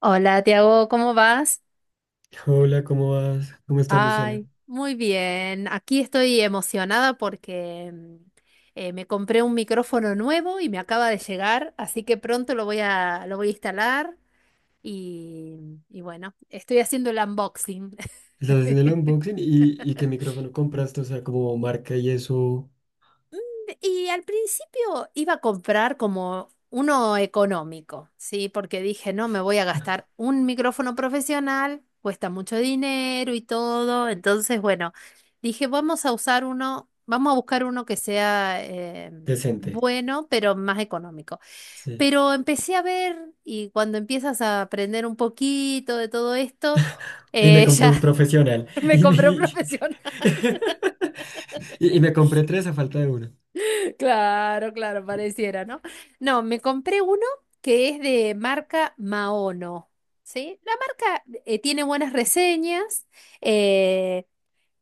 Hola, Tiago, ¿cómo vas? Hola, ¿cómo vas? ¿Cómo estás, Luciana? Ay, muy bien. Aquí estoy emocionada porque me compré un micrófono nuevo y me acaba de llegar, así que pronto lo voy a instalar y bueno, estoy haciendo el unboxing. ¿Estás haciendo el unboxing y qué micrófono compraste? O sea, como marca y eso Y al principio iba a comprar como uno económico, ¿sí? Porque dije, no, me voy a gastar un micrófono profesional, cuesta mucho dinero y todo. Entonces, bueno, dije, vamos a usar uno, vamos a buscar uno que sea decente. bueno, pero más económico. Sí. Pero empecé a ver y cuando empiezas a aprender un poquito de todo esto, Y me compré ya un profesional. me Y me, compré un y, profesional. y me compré tres a falta de uno. Claro, claro, pareciera, ¿no? No, me compré uno que es de marca Maono, ¿sí? La marca tiene buenas reseñas, eh,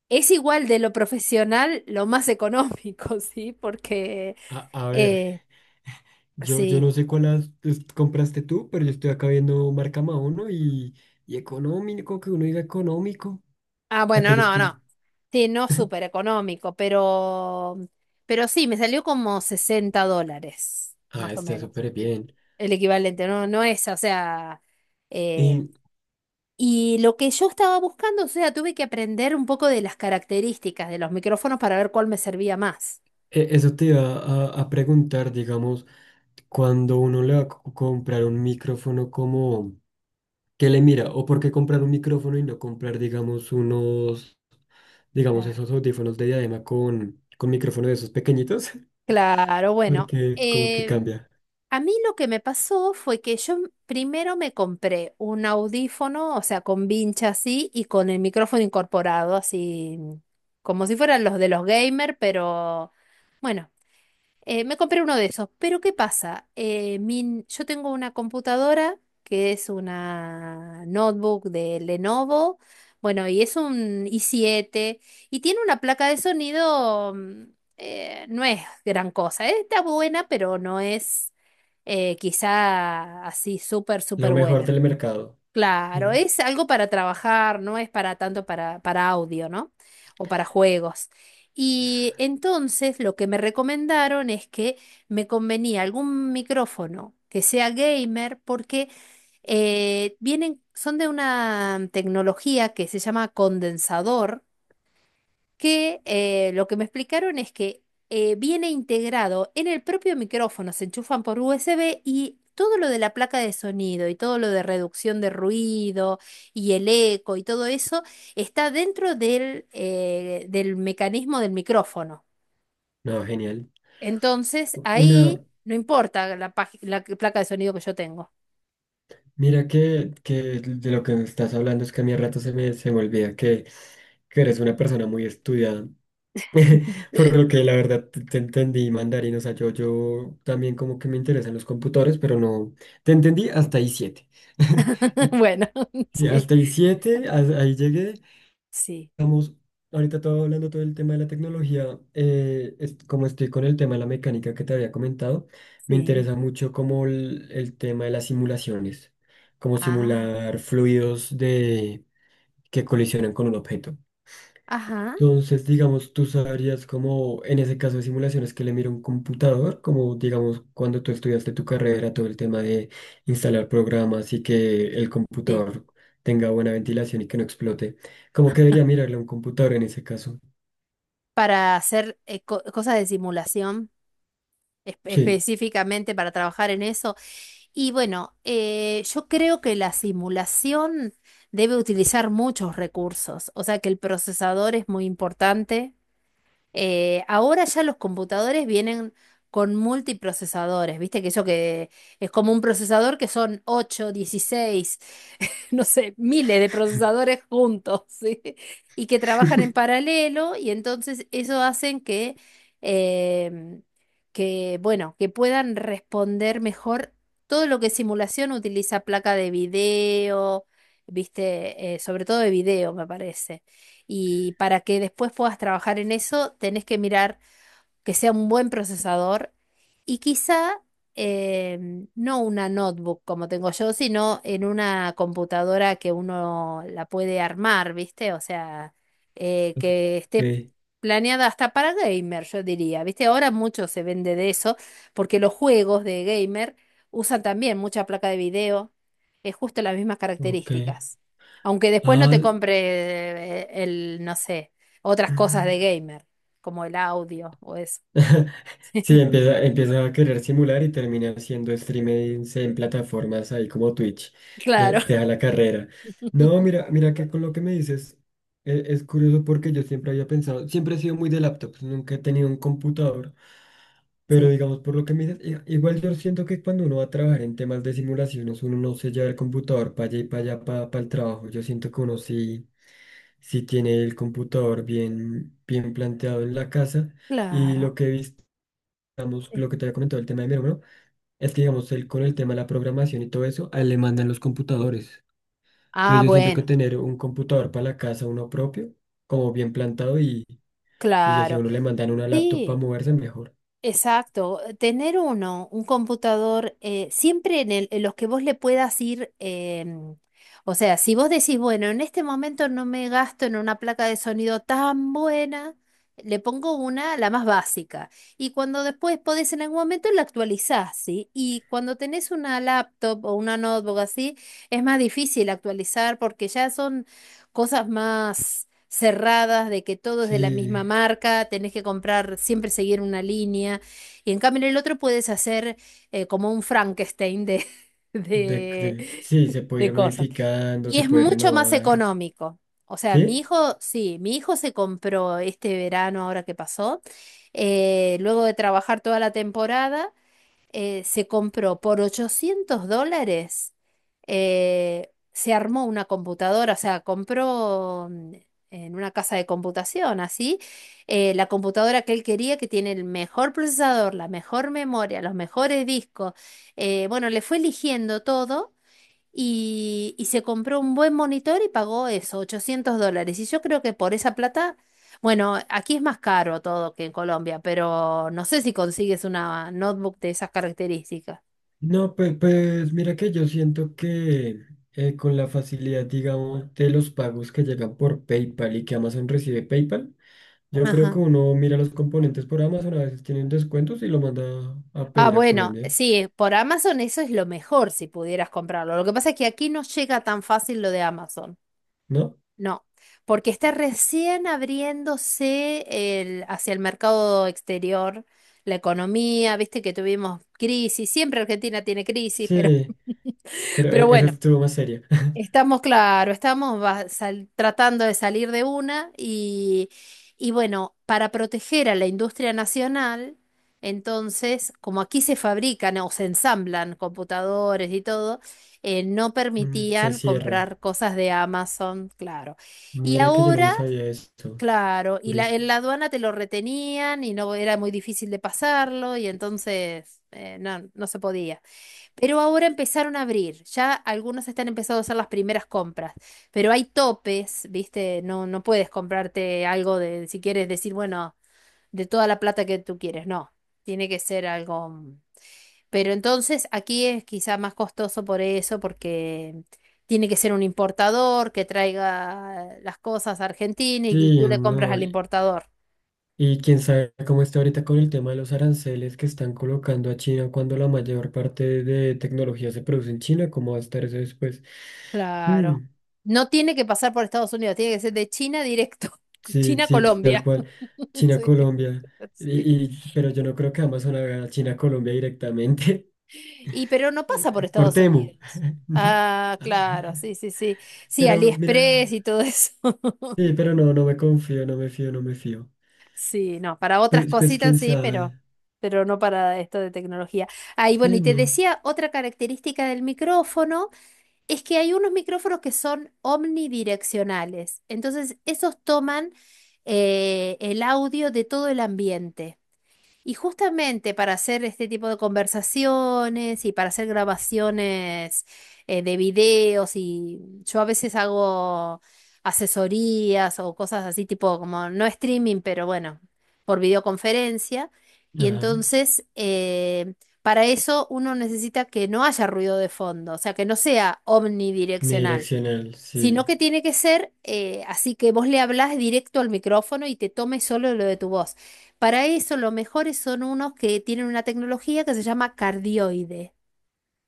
es igual de lo profesional, lo más económico, ¿sí? A ver, eh, yo sí. no sé compraste tú, pero yo estoy acá viendo marca Maono y económico, que uno diga económico. Ah, Acá bueno, yo no, estoy. no. Sí, no súper económico, pero, sí, me salió como $60, Ah, más o está menos, súper bien. el equivalente, no, no es, o sea. eh, Y Y lo que yo estaba buscando, o sea, tuve que aprender un poco de las características de los micrófonos para ver cuál me servía más. Eso te iba a preguntar, digamos. Cuando uno le va a comprar un micrófono como, ¿qué le mira? ¿O por qué comprar un micrófono y no comprar, digamos, unos, digamos, Claro. esos audífonos de diadema con micrófono de esos pequeñitos? Claro, bueno, Porque como que cambia. a mí lo que me pasó fue que yo primero me compré un audífono, o sea, con vincha así y con el micrófono incorporado, así como si fueran los de los gamer, pero bueno. Me compré uno de esos, pero ¿qué pasa? Yo tengo una computadora que es una notebook de Lenovo, bueno, y es un i7 y tiene una placa de sonido, no es gran cosa, está buena, pero no es quizá así súper, Lo súper mejor buena. del mercado. Sí, Claro, ¿no? es algo para trabajar, no es para tanto para audio, ¿no? O para juegos. Y entonces lo que me recomendaron es que me convenía algún micrófono que sea gamer porque vienen, son de una tecnología que se llama condensador que lo que me explicaron es que viene integrado en el propio micrófono, se enchufan por USB y todo lo de la placa de sonido y todo lo de reducción de ruido y el eco y todo eso está dentro del mecanismo del micrófono. No, genial. Entonces, Una, ahí no importa la placa de sonido que yo tengo. mira que de lo que me estás hablando es que a mí a rato se me olvida que eres una persona muy estudiada. Por lo que la verdad te entendí mandarín, o sea, yo también como que me interesan los computadores, pero no, te entendí hasta ahí 7 Y, Bueno, y sí, hasta ahí 7, ahí llegué. sí, Vamos, ahorita todo hablando todo el tema de la tecnología, como estoy con el tema de la mecánica que te había comentado, me sí. interesa mucho como el tema de las simulaciones, como Ah, simular fluidos de, que colisionan con un objeto. ajá, Entonces, digamos, tú sabrías como en ese caso de simulaciones que le mira un computador, como digamos cuando tú estudiaste tu carrera, todo el tema de instalar programas y que el sí. computador tenga buena ventilación y que no explote. ¿Cómo que debería mirarle a un computador en ese caso? Para hacer cosas de simulación. Sí. Específicamente para trabajar en eso. Y bueno, yo creo que la simulación debe utilizar muchos recursos, o sea que el procesador es muy importante. Ahora ya los computadores vienen con multiprocesadores, viste que eso que es como un procesador que son 8, 16 no sé, miles de procesadores juntos, ¿sí? Y que trabajan en paralelo y entonces eso hacen em, que, bueno, que puedan responder mejor todo lo que simulación utiliza placa de video, ¿viste? Sobre todo de video, me parece. Y para que después puedas trabajar en eso, tenés que mirar que sea un buen procesador y quizá no una notebook como tengo yo, sino en una computadora que uno la puede armar, ¿viste? O sea, que esté Ok, planeada hasta para gamer, yo diría, ¿viste? Ahora mucho se vende de eso porque los juegos de gamer usan también mucha placa de video, es justo las mismas ok. características. Aunque después no te Ah, compre el, no sé, otras cosas de gamer como el audio o eso. Sí, empieza, empieza a querer simular y termina haciendo streamings en plataformas ahí como Twitch. Claro. Deja la carrera. No, mira, mira que con lo que me dices es, curioso porque yo siempre había pensado, siempre he sido muy de laptops, nunca he tenido un computador, pero Sí, digamos por lo que me dices, igual yo siento que cuando uno va a trabajar en temas de simulaciones, uno no se lleva el computador para allá y para allá para el trabajo. Yo siento que uno sí, sí tiene el computador bien, bien planteado en la casa. Y lo claro. que he visto digamos, Sí. lo que te había comentado, el tema de mi hermano, es que, digamos, él con el tema de la programación y todo eso, a él le mandan los computadores. Ah, Entonces yo siento que bueno, tener un computador para la casa, uno propio, como bien plantado y ya si a claro. uno le mandan una laptop para Sí. moverse, mejor. Exacto, tener un computador, siempre en los que vos le puedas ir, o sea, si vos decís, bueno, en este momento no me gasto en una placa de sonido tan buena, le pongo una, la más básica, y cuando después podés en algún momento la actualizás, ¿sí? Y cuando tenés una laptop o una notebook así, es más difícil actualizar porque ya son cosas más cerradas, de que todo es de la Sí, misma marca, tenés que comprar, siempre seguir una línea. Y en cambio en el otro puedes hacer como un Frankenstein de, sí, se puede de ir cosas. modificando, Y se es puede mucho más renovar. económico. O sea, mi ¿Sí? hijo, sí, mi hijo se compró este verano, ahora que pasó, luego de trabajar toda la temporada, se compró por $800, se armó una computadora, o sea, compró en una casa de computación, así, la computadora que él quería, que tiene el mejor procesador, la mejor memoria, los mejores discos. Bueno, le fue eligiendo todo y se compró un buen monitor y pagó eso, $800. Y yo creo que por esa plata, bueno, aquí es más caro todo que en Colombia, pero no sé si consigues una notebook de esas características. No, pues, pues mira que yo siento que con la facilidad, digamos, de los pagos que llegan por PayPal y que Amazon recibe PayPal, yo creo que Ajá. uno mira los componentes por Amazon, a veces tienen descuentos y lo manda a Ah, pedir a bueno, Colombia, sí, por Amazon eso es lo mejor si pudieras comprarlo. Lo que pasa es que aquí no llega tan fácil lo de Amazon. ¿no? No, porque está recién abriéndose el, hacia el mercado exterior, la economía, viste que tuvimos crisis, siempre Argentina tiene crisis, pero, Sí, pero pero esa bueno, estuvo más seria. Estamos, claro, tratando de salir de una y bueno, para proteger a la industria nacional, entonces, como aquí se fabrican o se ensamblan computadores y todo, no Mm, se permitían cierra. comprar cosas de Amazon, claro. Y Mira que yo no me ahora, sabía esto. claro, y la, Curioso. en la aduana te lo retenían y no era muy difícil de pasarlo y entonces no, no se podía. Pero ahora empezaron a abrir, ya algunos están empezando a hacer las primeras compras, pero hay topes, ¿viste? No, no puedes comprarte algo de, si quieres decir, bueno, de toda la plata que tú quieres, no, tiene que ser algo. Mm. Pero entonces aquí es quizá más costoso por eso, porque tiene que ser un importador que traiga las cosas a Argentina y tú Sí, le compras no. al Y importador. y quién sabe cómo está ahorita con el tema de los aranceles que están colocando a China cuando la mayor parte de tecnología se produce en China, cómo va a estar eso después. Claro. Mm, No tiene que pasar por Estados Unidos, tiene que ser de China directo. sí, sí, tal China-Colombia. cual. China, Sí, Colombia. sí. Pero yo no creo que Amazon haga China, Colombia directamente Y pero no pasa por por Estados Temu. Unidos. Ah, claro, sí, sí, sí. Sí, Pero mira, AliExpress y todo eso. sí, pero no, no me confío, no me fío, no me fío. Sí, no, para otras Pues, pues cositas quién sí, sabe. pero no para esto de tecnología. Ahí bueno, y Sí, te no. decía otra característica del micrófono. Es que hay unos micrófonos que son omnidireccionales, entonces esos toman el audio de todo el ambiente. Y justamente para hacer este tipo de conversaciones y para hacer grabaciones de videos y yo a veces hago asesorías o cosas así tipo como no streaming, pero bueno, por videoconferencia. Y Ajá. entonces para eso uno necesita que no haya ruido de fondo, o sea, que no sea omnidireccional Unidireccional, sino sí, que tiene que ser así que vos le hablás directo al micrófono y te tome solo lo de tu voz. Para eso, los mejores son unos que tienen una tecnología que se llama cardioide,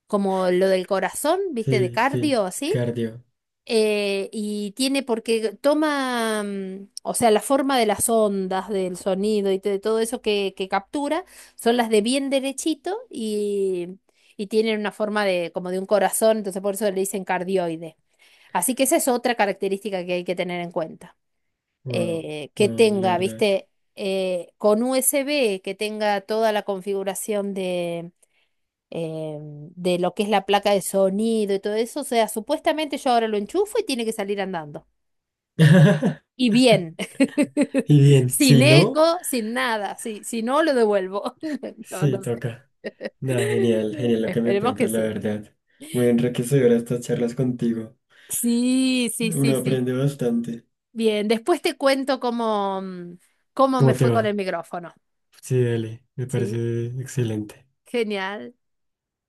como lo del corazón, ¿viste? De sí, sí. cardio, así. Cardio. Y tiene porque toma, o sea, la forma de las ondas, del sonido y de todo eso que captura, son las de bien derechito y tienen una forma de como de un corazón, entonces por eso le dicen cardioide. Así que esa es otra característica que hay que tener en cuenta. Wow, Que wow, la tenga, verdad. viste, con USB, que tenga toda la configuración de, eh, de lo que es la placa de sonido y todo eso. O sea, supuestamente yo ahora lo enchufo y tiene que salir andando. Y bien, Y bien, sin si no. eco, sin nada. Si no, lo devuelvo. No, Sí, no sé. toca. Nada, genial, genial lo que me Esperemos que cuentas, la sí. verdad. Muy enriquecedora estas charlas contigo. Sí, sí, sí, Uno sí. aprende bastante. Bien, después te cuento cómo, cómo me ¿Cómo te fue con el va? micrófono, Sí, dale, me ¿sí? parece excelente. Genial.